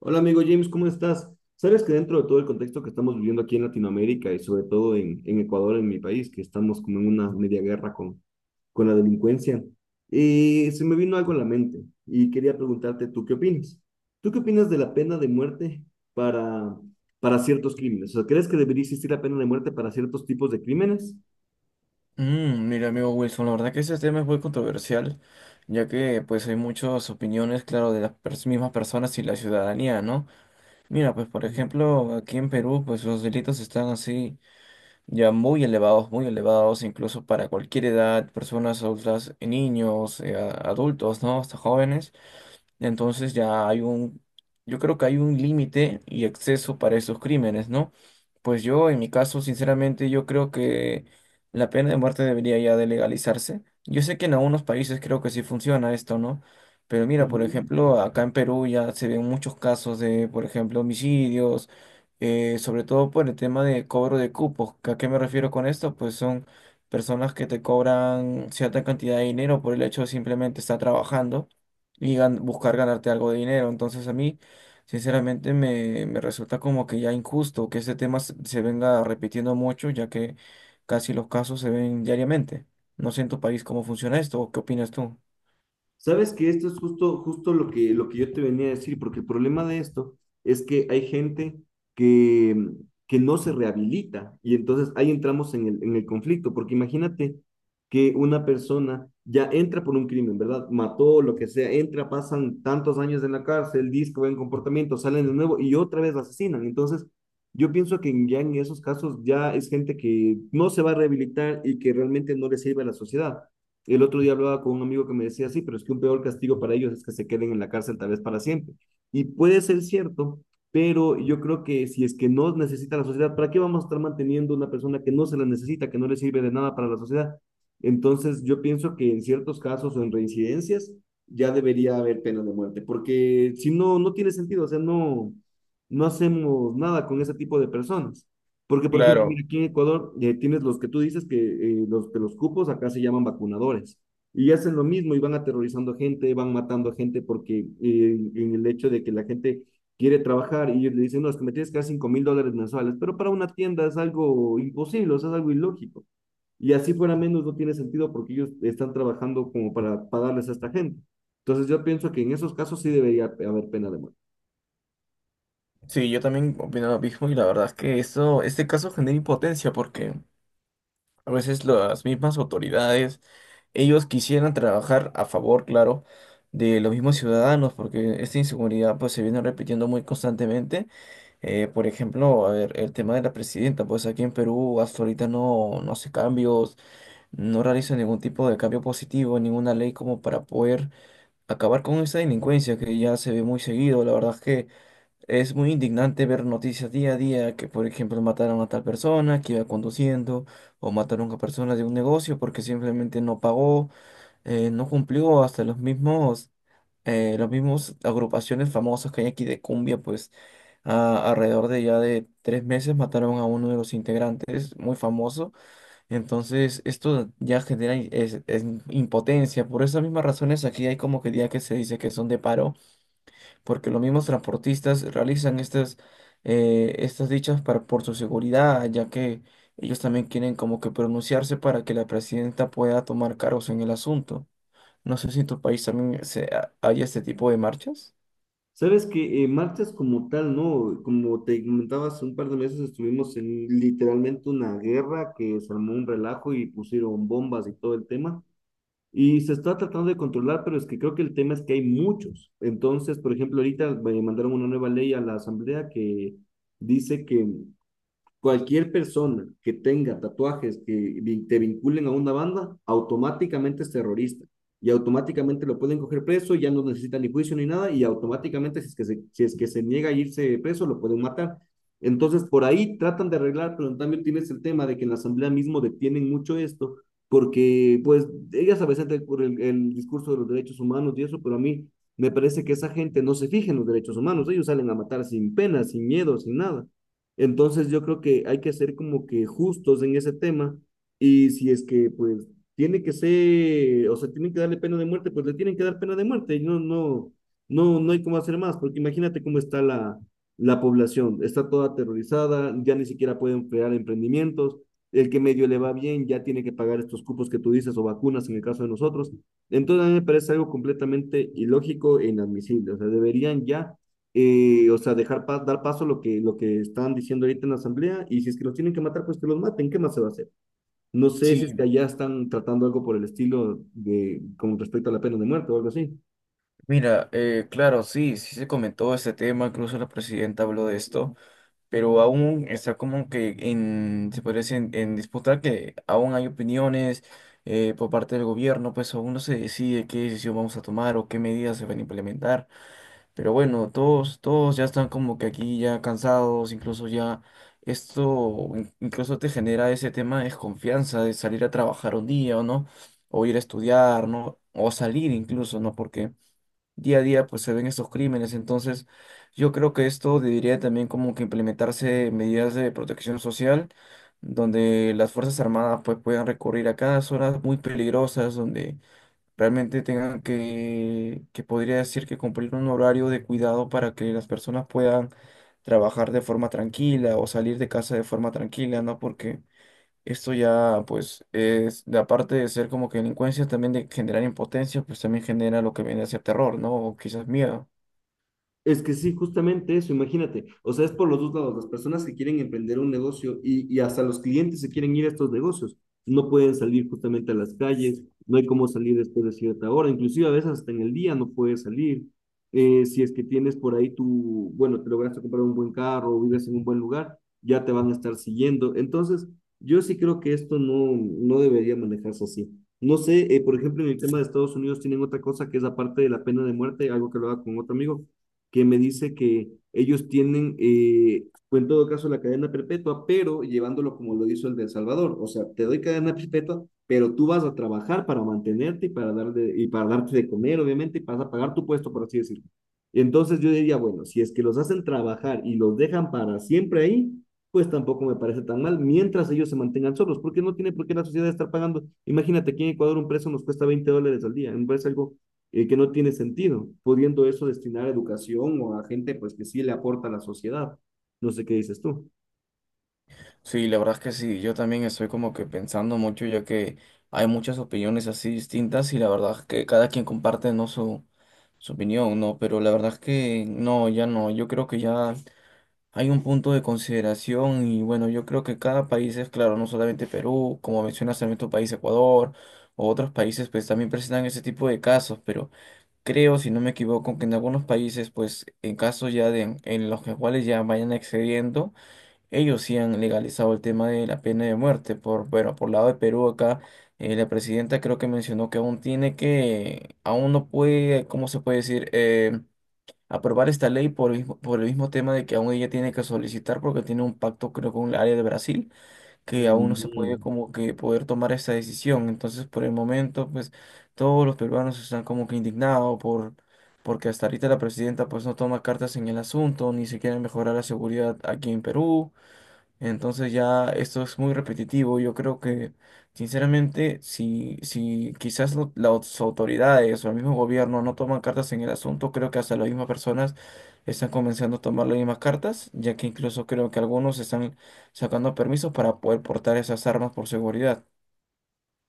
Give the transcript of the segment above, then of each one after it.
Hola amigo James, ¿cómo estás? Sabes que dentro de todo el contexto que estamos viviendo aquí en Latinoamérica y sobre todo en Ecuador, en mi país, que estamos como en una media guerra con la delincuencia. Se me vino algo a la mente y quería preguntarte, ¿tú qué opinas? ¿Tú qué opinas de la pena de muerte para, para ciertos crímenes? O sea, ¿crees que debería existir la pena de muerte para ciertos tipos de crímenes? Mira, amigo Wilson, la verdad que ese tema es muy controversial, ya que pues hay muchas opiniones, claro, de las mismas personas y la ciudadanía, ¿no? Mira, pues por ejemplo, aquí en Perú, pues los delitos están así ya muy elevados, incluso para cualquier edad, personas adultas, niños, adultos, ¿no? Hasta jóvenes. Entonces ya hay un, yo creo que hay un límite y exceso para esos crímenes, ¿no? Pues yo, en mi caso, sinceramente, yo creo que la pena de muerte debería ya de legalizarse. Yo sé que en algunos países creo que sí funciona esto, ¿no? Pero mira, por Ujú. ejemplo, acá en Perú ya se ven muchos casos de, por ejemplo, homicidios, sobre todo por el tema de cobro de cupos. ¿A qué me refiero con esto? Pues son personas que te cobran cierta cantidad de dinero por el hecho de simplemente estar trabajando y buscar ganarte algo de dinero. Entonces a mí, sinceramente, me resulta como que ya injusto que este tema se venga repitiendo mucho, ya que casi los casos se ven diariamente. No sé en tu país cómo funciona esto, o ¿qué opinas tú? Sabes que esto es justo lo que yo te venía a decir, porque el problema de esto es que hay gente que, que no se rehabilita y entonces ahí entramos en el conflicto, porque imagínate que una persona ya entra por un crimen, ¿verdad? Mató, lo que sea, entra, pasan tantos años en la cárcel, disco, buen comportamiento, salen de nuevo y otra vez la asesinan. Entonces, yo pienso que ya en esos casos ya es gente que no se va a rehabilitar y que realmente no le sirve a la sociedad. Y el otro día hablaba con un amigo que me decía, sí, pero es que un peor castigo para ellos es que se queden en la cárcel tal vez para siempre. Y puede ser cierto, pero yo creo que si es que no necesita la sociedad, ¿para qué vamos a estar manteniendo una persona que no se la necesita, que no le sirve de nada para la sociedad? Entonces yo pienso que en ciertos casos o en reincidencias ya debería haber pena de muerte, porque si no, no tiene sentido, o sea, no hacemos nada con ese tipo de personas. Porque, por ejemplo, mira, Claro, aquí en Ecuador tienes los que tú dices que los cupos acá se llaman vacunadores y hacen lo mismo y van aterrorizando a gente, van matando a gente porque en el hecho de que la gente quiere trabajar y ellos le dicen, no, es que me tienes que dar $5000 mensuales, pero para una tienda es algo imposible, o sea, es algo ilógico. Y así fuera menos no tiene sentido porque ellos están trabajando como para pagarles a esta gente. Entonces yo pienso que en esos casos sí debería haber pena de muerte. sí, yo también opino lo mismo y la verdad es que esto, este caso genera impotencia porque a veces las mismas autoridades, ellos quisieran trabajar a favor, claro, de los mismos ciudadanos porque esta inseguridad pues se viene repitiendo muy constantemente. Por ejemplo, a ver, el tema de la presidenta, pues aquí en Perú hasta ahorita no hace cambios, no realiza ningún tipo de cambio positivo, ninguna ley como para poder acabar con esa delincuencia que ya se ve muy seguido. La verdad es que es muy indignante ver noticias día a día que, por ejemplo, mataron a tal persona que iba conduciendo o mataron a personas de un negocio porque simplemente no pagó, no cumplió hasta los mismos agrupaciones famosas que hay aquí de cumbia, pues alrededor de ya de tres meses mataron a uno de los integrantes, muy famoso. Entonces, esto ya genera es impotencia. Por esas mismas razones, aquí hay como que día que se dice que son de paro, porque los mismos transportistas realizan estas, estas dichas para, por su seguridad, ya que ellos también quieren como que pronunciarse para que la presidenta pueda tomar cargos en el asunto. No sé si en tu país también hay este tipo de marchas. Sabes que marchas como tal, ¿no? Como te comentaba hace un par de meses, estuvimos en literalmente una guerra que se armó un relajo y pusieron bombas y todo el tema. Y se está tratando de controlar, pero es que creo que el tema es que hay muchos. Entonces, por ejemplo, ahorita mandaron una nueva ley a la Asamblea que dice que cualquier persona que tenga tatuajes que te vinculen a una banda, automáticamente es terrorista. Y automáticamente lo pueden coger preso, ya no necesita ni juicio ni nada, y automáticamente, si es que se niega a irse preso, lo pueden matar. Entonces, por ahí tratan de arreglar, pero en cambio tienes el tema de que en la asamblea mismo detienen mucho esto, porque pues ellas a veces por el discurso de los derechos humanos y eso, pero a mí me parece que esa gente no se fija en los derechos humanos, ellos salen a matar sin pena, sin miedo, sin nada. Entonces yo creo que hay que ser como que justos en ese tema y si es que pues tiene que ser, o sea, tienen que darle pena de muerte, pues le tienen que dar pena de muerte, no, no, no, no hay cómo hacer más, porque imagínate cómo está la población, está toda aterrorizada, ya ni siquiera pueden crear emprendimientos, el que medio le va bien ya tiene que pagar estos cupos que tú dices o vacunas en el caso de nosotros, entonces a mí me parece algo completamente ilógico e inadmisible, o sea, deberían ya o sea, dar paso a lo que están diciendo ahorita en la asamblea, y si es que los tienen que matar, pues que los maten, ¿qué más se va a hacer? No sé si es que Sí, allá están tratando algo por el estilo de, con respecto a la pena de muerte o algo así. mira, claro, sí se comentó este tema, incluso la presidenta habló de esto, pero aún está como que en, se podría decir, en disputa que aún hay opiniones por parte del gobierno, pues aún no se decide qué decisión vamos a tomar o qué medidas se van a implementar, pero bueno, todos ya están como que aquí ya cansados, incluso ya esto, incluso te genera ese tema de desconfianza de salir a trabajar un día o no, o ir a estudiar, ¿no? O salir incluso, ¿no? Porque día a día pues se ven estos crímenes. Entonces, yo creo que esto debería también como que implementarse medidas de protección social, donde las Fuerzas Armadas pues puedan recurrir a cada zonas muy peligrosas, donde realmente tengan que podría decir que cumplir un horario de cuidado para que las personas puedan trabajar de forma tranquila o salir de casa de forma tranquila, ¿no? Porque esto ya, pues, es, de aparte de ser como que delincuencia, también de generar impotencia, pues también genera lo que viene a ser terror, ¿no? O quizás miedo. Es que sí, justamente eso, imagínate. O sea, es por los dos lados. Las personas que quieren emprender un negocio y hasta los clientes se quieren ir a estos negocios. No pueden salir justamente a las calles, no hay cómo salir después de cierta hora. Inclusive a veces hasta en el día no puedes salir. Si es que tienes por ahí tu, bueno, te lograste comprar un buen carro o vives en un buen lugar, ya te van a estar siguiendo. Entonces, yo sí creo que esto no debería manejarse así. No sé, por ejemplo, en el tema de Estados Unidos tienen otra cosa que es la parte de la pena de muerte, algo que lo haga con otro amigo que me dice que ellos tienen, fue en todo caso la cadena perpetua, pero llevándolo como lo hizo el de El Salvador. O sea, te doy cadena perpetua, pero tú vas a trabajar para mantenerte y para darte de comer, obviamente, y vas a pagar tu puesto, por así decirlo. Entonces yo diría, bueno, si es que los hacen trabajar y los dejan para siempre ahí, pues tampoco me parece tan mal, mientras ellos se mantengan solos, porque no tiene por qué la sociedad estar pagando. Imagínate aquí en Ecuador un preso nos cuesta $20 al día, me parece algo que no tiene sentido, pudiendo eso destinar a educación o a gente pues que sí le aporta a la sociedad. No sé qué dices tú. Sí, la verdad es que sí, yo también estoy como que pensando mucho, ya que hay muchas opiniones así distintas y la verdad es que cada quien comparte, ¿no? Su opinión, ¿no? Pero la verdad es que no, ya no, yo creo que ya hay un punto de consideración y bueno, yo creo que cada país es claro, no solamente Perú, como mencionas también tu país, Ecuador, o otros países, pues también presentan ese tipo de casos, pero... Creo, si no me equivoco, que en algunos países, pues en casos ya de, en los que cuales ya vayan excediendo, ellos sí han legalizado el tema de la pena de muerte. Por, bueno, por lado de Perú acá, la presidenta creo que mencionó que aún tiene que, aún no puede, ¿cómo se puede decir? Aprobar esta ley por el mismo tema de que aún ella tiene que solicitar porque tiene un pacto creo con el área de Brasil que aún no se puede Mm. como que poder tomar esa decisión. Entonces, por el momento, pues todos los peruanos están como que indignados por, porque hasta ahorita la presidenta pues no toma cartas en el asunto, ni siquiera mejorar la seguridad aquí en Perú. Entonces ya esto es muy repetitivo. Yo creo que, sinceramente, si quizás las autoridades o el mismo gobierno no toman cartas en el asunto, creo que hasta las mismas personas están comenzando a tomar las mismas cartas, ya que incluso creo que algunos están sacando permisos para poder portar esas armas por seguridad.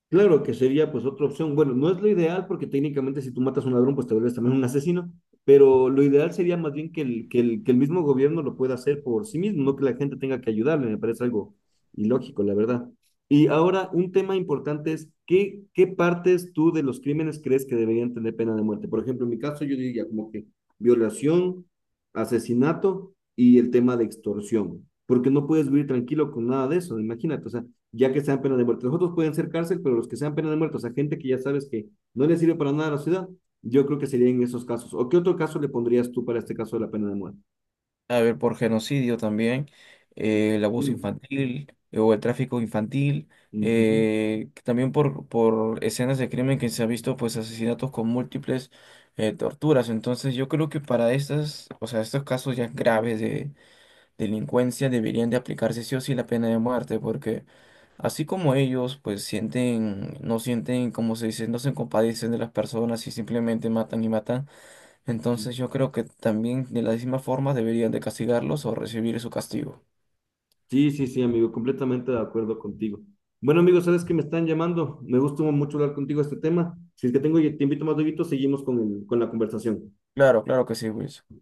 Claro que sería pues otra opción. Bueno, no es lo ideal porque técnicamente si tú matas a un ladrón pues te vuelves también un asesino, pero lo ideal sería más bien que el mismo gobierno lo pueda hacer por sí mismo, no que la gente tenga que ayudarle, me parece algo ilógico, la verdad. Y ahora un tema importante es, ¿qué partes tú de los crímenes crees que deberían tener pena de muerte? Por ejemplo, en mi caso yo diría como que violación, asesinato y el tema de extorsión, porque no puedes vivir tranquilo con nada de eso, imagínate, o sea, ya que sean penas de muerte. Los otros pueden ser cárcel, pero los que sean penas de muerte, o sea, gente que ya sabes que no le sirve para nada a la ciudad, yo creo que sería en esos casos. ¿O qué otro caso le pondrías tú para este caso de la pena de muerte? A ver, por genocidio también, el abuso Mm, infantil, o el tráfico infantil, ujú, que también por escenas de crimen que se ha visto pues asesinatos con múltiples torturas. Entonces yo creo que para estas, o sea, estos casos ya graves de delincuencia deberían de aplicarse sí o sí la pena de muerte, porque así como ellos pues sienten, no sienten, como se dice, no se compadecen de las personas y simplemente matan y matan. ujú. Entonces yo creo que también de la misma forma deberían de castigarlos o recibir su castigo. Sí, sí, sí, amigo, completamente de acuerdo contigo. Bueno, amigo, sabes que me están llamando. Me gustó mucho hablar contigo de este tema. Si es que tengo, te invito más, Dieguito, seguimos con con la conversación. Claro, claro que sí, Wilson.